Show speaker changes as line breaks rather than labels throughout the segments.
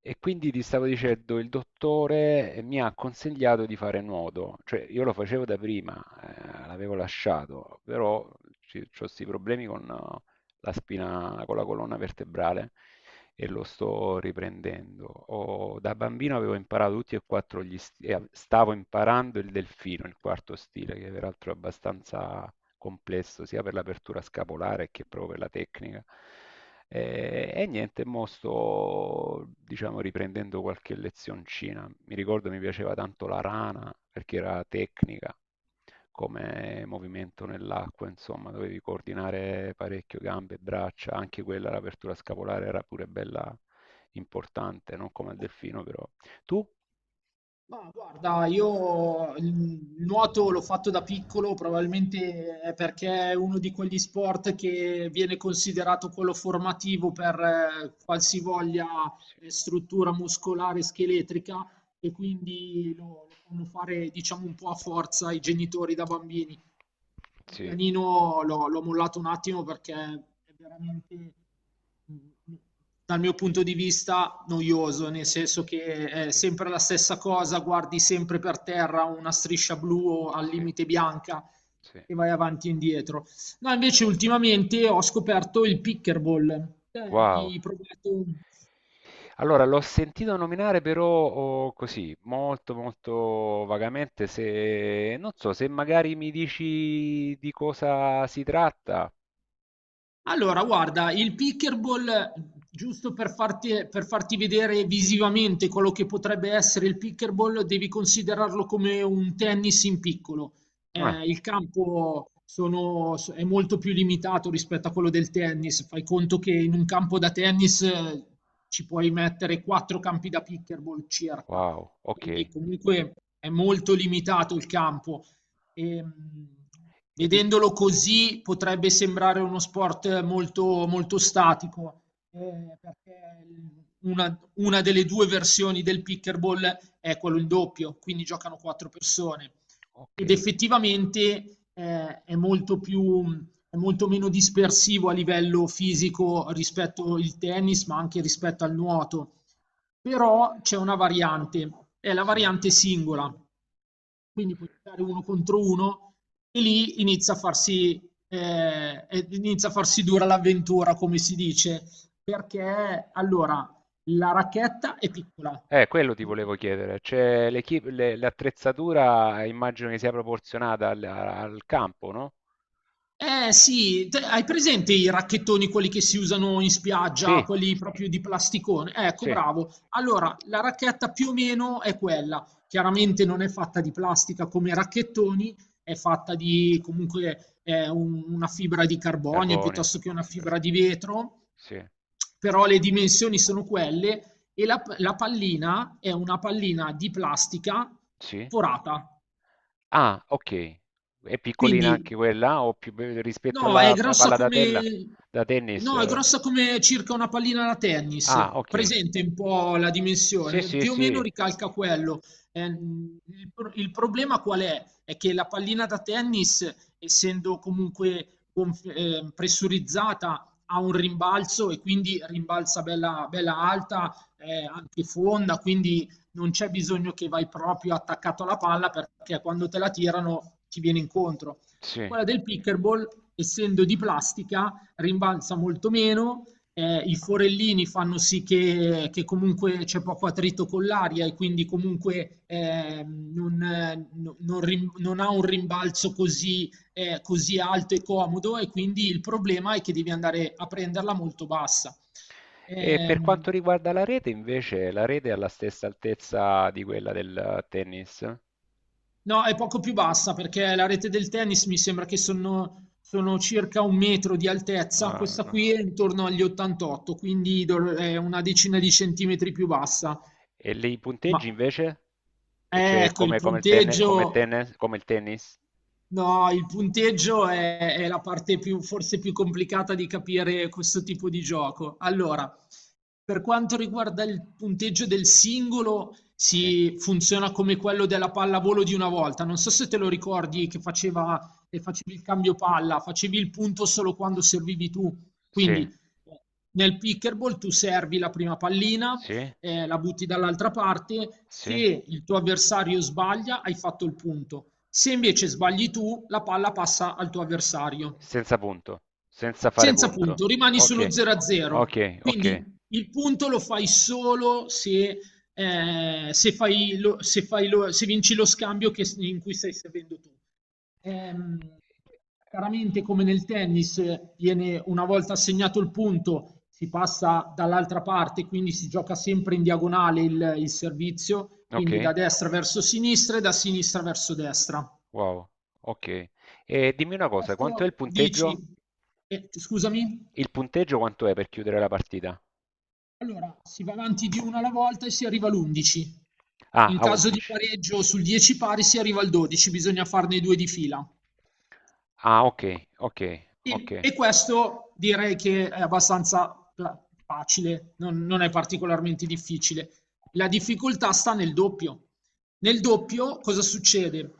E quindi ti stavo dicendo, il dottore mi ha consigliato di fare nuoto, cioè io lo facevo da prima, l'avevo lasciato, però ho questi problemi con la spina, con la colonna vertebrale e lo sto riprendendo. Ho- da bambino avevo imparato tutti e quattro gli stili, stavo imparando il delfino, il quarto stile, che peraltro è abbastanza complesso sia per l'apertura scapolare che proprio per la tecnica. E niente, mo sto, diciamo, riprendendo qualche lezioncina. Mi ricordo mi piaceva tanto la rana perché era tecnica come movimento nell'acqua, insomma, dovevi coordinare parecchio gambe e braccia, anche quella, l'apertura scapolare era pure bella importante, non come il delfino, però. Tu?
Ma guarda, io il nuoto l'ho fatto da piccolo, probabilmente è perché è uno di quegli sport che viene considerato quello formativo per qualsivoglia
Sì,
struttura muscolare e scheletrica e quindi lo fanno fare, diciamo, un po' a forza i genitori da bambini. Il
sì,
pianino l'ho mollato un attimo perché è veramente, mhmm, dal mio punto di vista, noioso, nel senso che è
sì,
sempre la stessa cosa, guardi sempre per terra una striscia blu o al
sì,
limite bianca
sì.
e vai avanti e indietro. No, invece ultimamente ho scoperto il pickleball. Te hai
Wow.
mai provato?
Allora, l'ho sentito nominare però oh, così, molto molto vagamente, se non so, se magari mi dici di cosa si tratta.
Allora, guarda, il pickleball, giusto per farti vedere visivamente quello che potrebbe essere il pickleball, devi considerarlo come un tennis in piccolo.
Ah,
Il campo è molto più limitato rispetto a quello del tennis. Fai conto che in un campo da tennis ci puoi mettere quattro campi da pickleball circa,
wow,
quindi
ok.
comunque è molto limitato il campo. Ehm,
E di-
vedendolo così potrebbe sembrare uno sport molto, molto statico, perché una delle due versioni del pickleball è quello in doppio, quindi giocano quattro persone.
ok.
Ed effettivamente è molto più, è molto meno dispersivo a livello fisico rispetto al tennis, ma anche rispetto al nuoto. Però c'è una variante, è la
Sì.
variante singola, quindi puoi giocare uno contro uno e lì inizia a farsi dura l'avventura, come si dice, perché allora la racchetta è piccola.
Quello ti volevo chiedere. Cioè, l'equip- le- l'attrezzatura immagino che sia proporzionata al, al campo, no?
Eh sì, hai presente i racchettoni, quelli che si usano in spiaggia,
Sì,
quelli proprio di plasticone? Ecco,
sì.
bravo. Allora, la racchetta più o meno è quella. Chiaramente non è fatta di plastica come i racchettoni, è fatta di comunque una fibra di carbonio
Carbonio,
piuttosto che una fibra
certo.
di vetro,
Sì,
però le dimensioni sono quelle e la pallina è una pallina di plastica
sì.
forata.
Ah, ok. È piccolina anche
Quindi
quella o più be- rispetto
No, è
alla pa-
grossa
palla da tella
come...
da tennis?
No, è
Eh.
grossa come circa una pallina da
Ah,
tennis.
ok.
Presente un po' la
Sì,
dimensione,
sì,
più o
sì,
meno ricalca quello. Il problema qual è? È che la pallina da tennis, essendo comunque pressurizzata, ha un rimbalzo e quindi rimbalza bella, bella alta, anche fonda, quindi non c'è bisogno che vai proprio attaccato alla palla perché quando te la tirano ti viene incontro.
sì.
Quella del pickleball, essendo di plastica, rimbalza molto meno, i forellini fanno sì che comunque c'è poco attrito con l'aria e quindi comunque non ha un rimbalzo così alto e comodo e quindi il problema è che devi andare a prenderla molto bassa.
E per
Ehm,
quanto riguarda la rete, invece, la rete è alla stessa altezza di quella del tennis?
No, è poco più bassa perché la rete del tennis mi sembra che sono circa un metro di altezza,
Ah,
questa
no.
qui è intorno agli 88, quindi è una decina di centimetri più bassa.
E lì i punteggi
Ma
invece? E cioè
ecco, il
come, come il tenne- come
punteggio.
tennis, come il tennis?
No, il punteggio è la parte più, forse più complicata di capire questo tipo di gioco. Allora, per quanto riguarda il punteggio del singolo,
Sì.
si funziona come quello della pallavolo di una volta. Non so se te lo ricordi che facevi il cambio palla, facevi il punto solo quando servivi tu.
Sì,
Quindi nel pickerball tu servi la prima pallina,
sì,
la butti dall'altra parte,
sì.
se il tuo avversario sbaglia hai fatto il punto. Se invece sbagli tu, la palla passa al tuo avversario.
Senza punto, senza fare
Senza
punto.
punto, rimani
Ok,
sullo 0 a 0.
ok, ok.
Quindi il punto lo fai solo se se vinci lo scambio in cui stai servendo tu. Ehm, chiaramente, come nel tennis, viene una volta assegnato il punto, si passa dall'altra parte, quindi si gioca sempre in diagonale il servizio,
Ok,
quindi da destra verso sinistra e da sinistra verso destra.
wow, ok. E dimmi una cosa, quanto è il
Questo
punteggio?
dici? Eh, scusami.
Il punteggio quanto è per chiudere la partita?
Allora, si va avanti di una alla volta e si arriva all'11.
Ah,
In
a
caso di
11.
pareggio sul 10 pari si arriva al 12, bisogna farne due di fila.
Ah, ok, ok, ok.
E questo direi che è abbastanza facile, non è particolarmente difficile. La difficoltà sta nel doppio. Nel doppio cosa succede?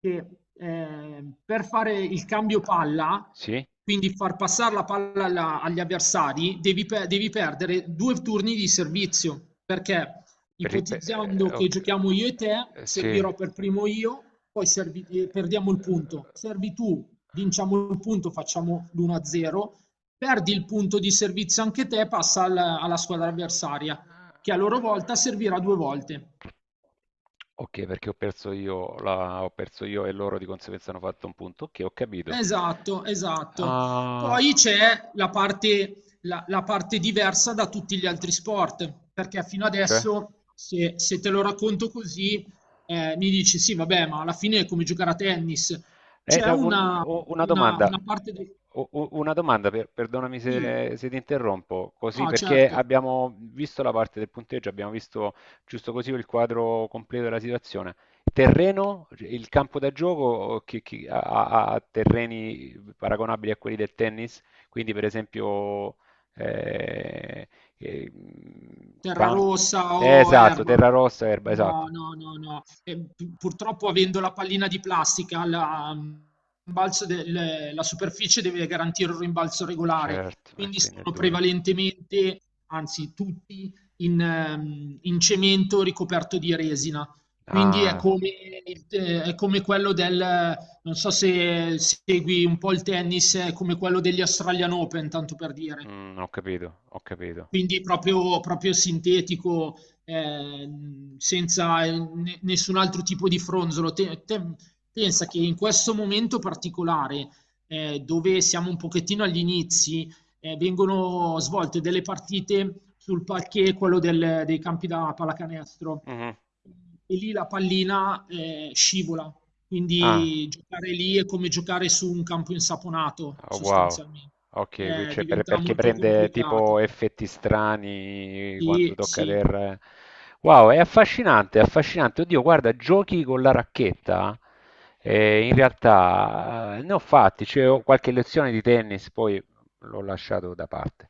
Che per fare il cambio palla,
Sì?
quindi far passare la palla agli avversari, devi perdere due turni di servizio, perché
Per-
ipotizzando che
ok,
giochiamo io e te,
sì.
servirò per primo io, poi
Sì,
perdiamo il punto. Servi tu, vinciamo il punto, facciamo l'1-0, perdi il punto di servizio anche te, passa alla squadra avversaria, che a loro volta servirà due volte.
ok, perché ho perso io, la- ho perso io e loro di conseguenza hanno fatto un punto. Ok, ho capito.
Esatto, esatto.
Ah,
Poi c'è la parte, la parte diversa da tutti gli altri sport, perché fino
c'è?
adesso, se te lo racconto così, mi dici sì, vabbè, ma alla fine è come giocare a tennis. C'è
No, un-
una,
u- una
una-
domanda,
una parte del.
u- u- una domanda per- perdonami
Sì,
se, se ti interrompo, così
no,
perché
certo.
abbiamo visto la parte del punteggio, abbiamo visto giusto così il quadro completo della situazione. Terreno, il campo da gioco che ha, ha- ha terreni paragonabili a quelli del tennis, quindi per esempio eh, eh, camp-
Terrarossa o
esatto,
erba.
terra rossa, erba,
No,
esatto.
no, no, no. E purtroppo avendo la pallina di plastica, la superficie deve garantire un rimbalzo regolare,
Certo, e
quindi
quindi è
sono
dura.
prevalentemente, anzi tutti, in cemento ricoperto di resina. Quindi è
Ah.
come, è come quello del, non so se segui un po' il tennis, è come quello degli Australian Open, tanto per dire.
Ho capito, ho capito.
Quindi proprio, proprio sintetico, senza nessun altro tipo di fronzolo. Pensa che in questo momento particolare, dove siamo un pochettino agli inizi, vengono svolte delle partite sul parquet, quello dei campi da pallacanestro.
Mh-mh.
E lì la pallina scivola,
Ah,
quindi giocare lì è come giocare su un campo insaponato,
oh, wow.
sostanzialmente.
Ok, qui c'è per-
Diventa
perché
molto
prende tipo
complicato.
effetti strani quando
Sì,
tocca
sì,
terra. Eh. Wow, è affascinante, è affascinante. Oddio, guarda, giochi con la racchetta. In realtà ne ho fatti, cioè, ho qualche lezione di tennis, poi l'ho lasciato da parte.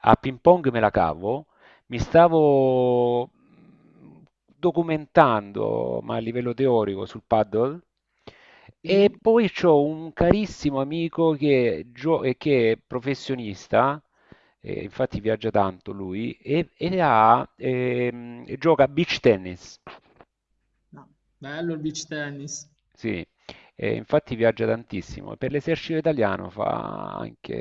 A ping pong me la cavo, mi stavo documentando, ma a livello teorico, sul paddle. E
sì.
poi c'ho un carissimo amico che, gio- che è professionista, infatti viaggia tanto lui, e ha, gioca a beach tennis.
No, bello il beach tennis.
Sì, e infatti viaggia tantissimo. Per l'esercito italiano fa anche,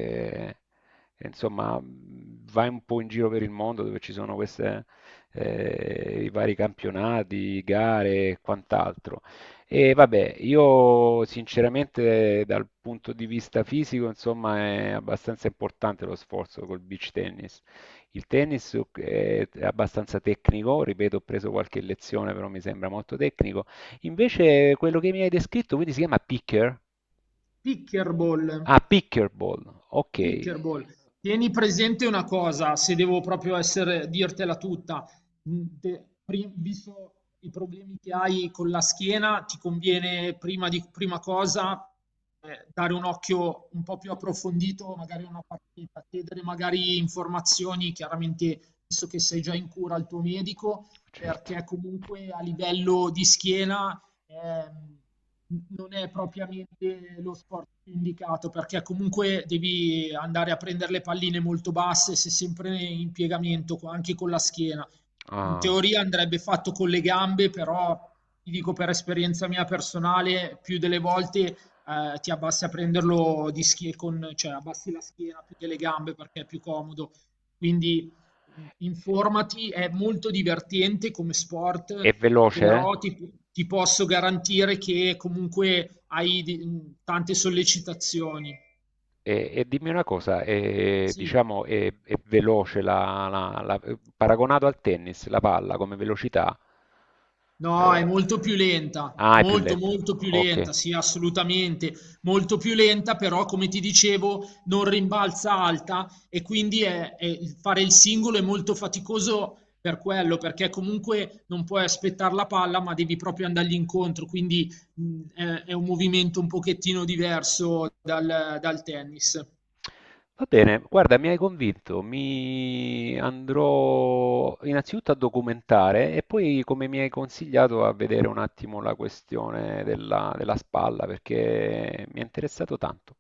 insomma, va un po' in giro per il mondo dove ci sono queste, i vari campionati, gare e quant'altro. E vabbè, io sinceramente dal punto di vista fisico, insomma, è abbastanza importante lo sforzo col beach tennis. Il tennis è abbastanza tecnico, ripeto, ho preso qualche lezione, però mi sembra molto tecnico. Invece quello che mi hai descritto, quindi si chiama picker?
Pickleball,
Ah, pickleball. Ok,
pickleball. Tieni presente una cosa, se devo proprio dirtela tutta, visto i problemi che hai con la schiena, ti conviene prima cosa dare un occhio un po' più approfondito, magari a una partita, chiedere magari informazioni, chiaramente visto che sei già in cura al tuo medico,
certo.
perché comunque a livello di schiena ehm, n non è propriamente lo sport più indicato, perché comunque devi andare a prendere le palline molto basse, sei sempre in piegamento co anche con la schiena. In
Ah,
teoria andrebbe fatto con le gambe, però ti dico per esperienza mia personale, più delle volte ti abbassi a prenderlo di schiena, cioè abbassi la schiena più che le gambe perché è più comodo. Quindi informati, è molto divertente come
è
sport,
veloce?
però ti posso garantire che comunque hai tante sollecitazioni.
E dimmi una cosa, è,
Sì.
diciamo, è veloce la, la- la- paragonato al tennis, la palla come velocità?
No, è
Eh,
molto più lenta,
ah, è più
molto
lenta.
molto più
Ok.
lenta, sì, assolutamente, molto più lenta, però come ti dicevo non rimbalza alta e quindi fare il singolo è molto faticoso per quello, perché comunque non puoi aspettare la palla, ma devi proprio andargli incontro, quindi è un movimento un pochettino diverso dal tennis.
Va bene, guarda, mi hai convinto, mi andrò innanzitutto a documentare e poi, come mi hai consigliato, a vedere un attimo la questione della, della spalla perché mi è interessato tanto.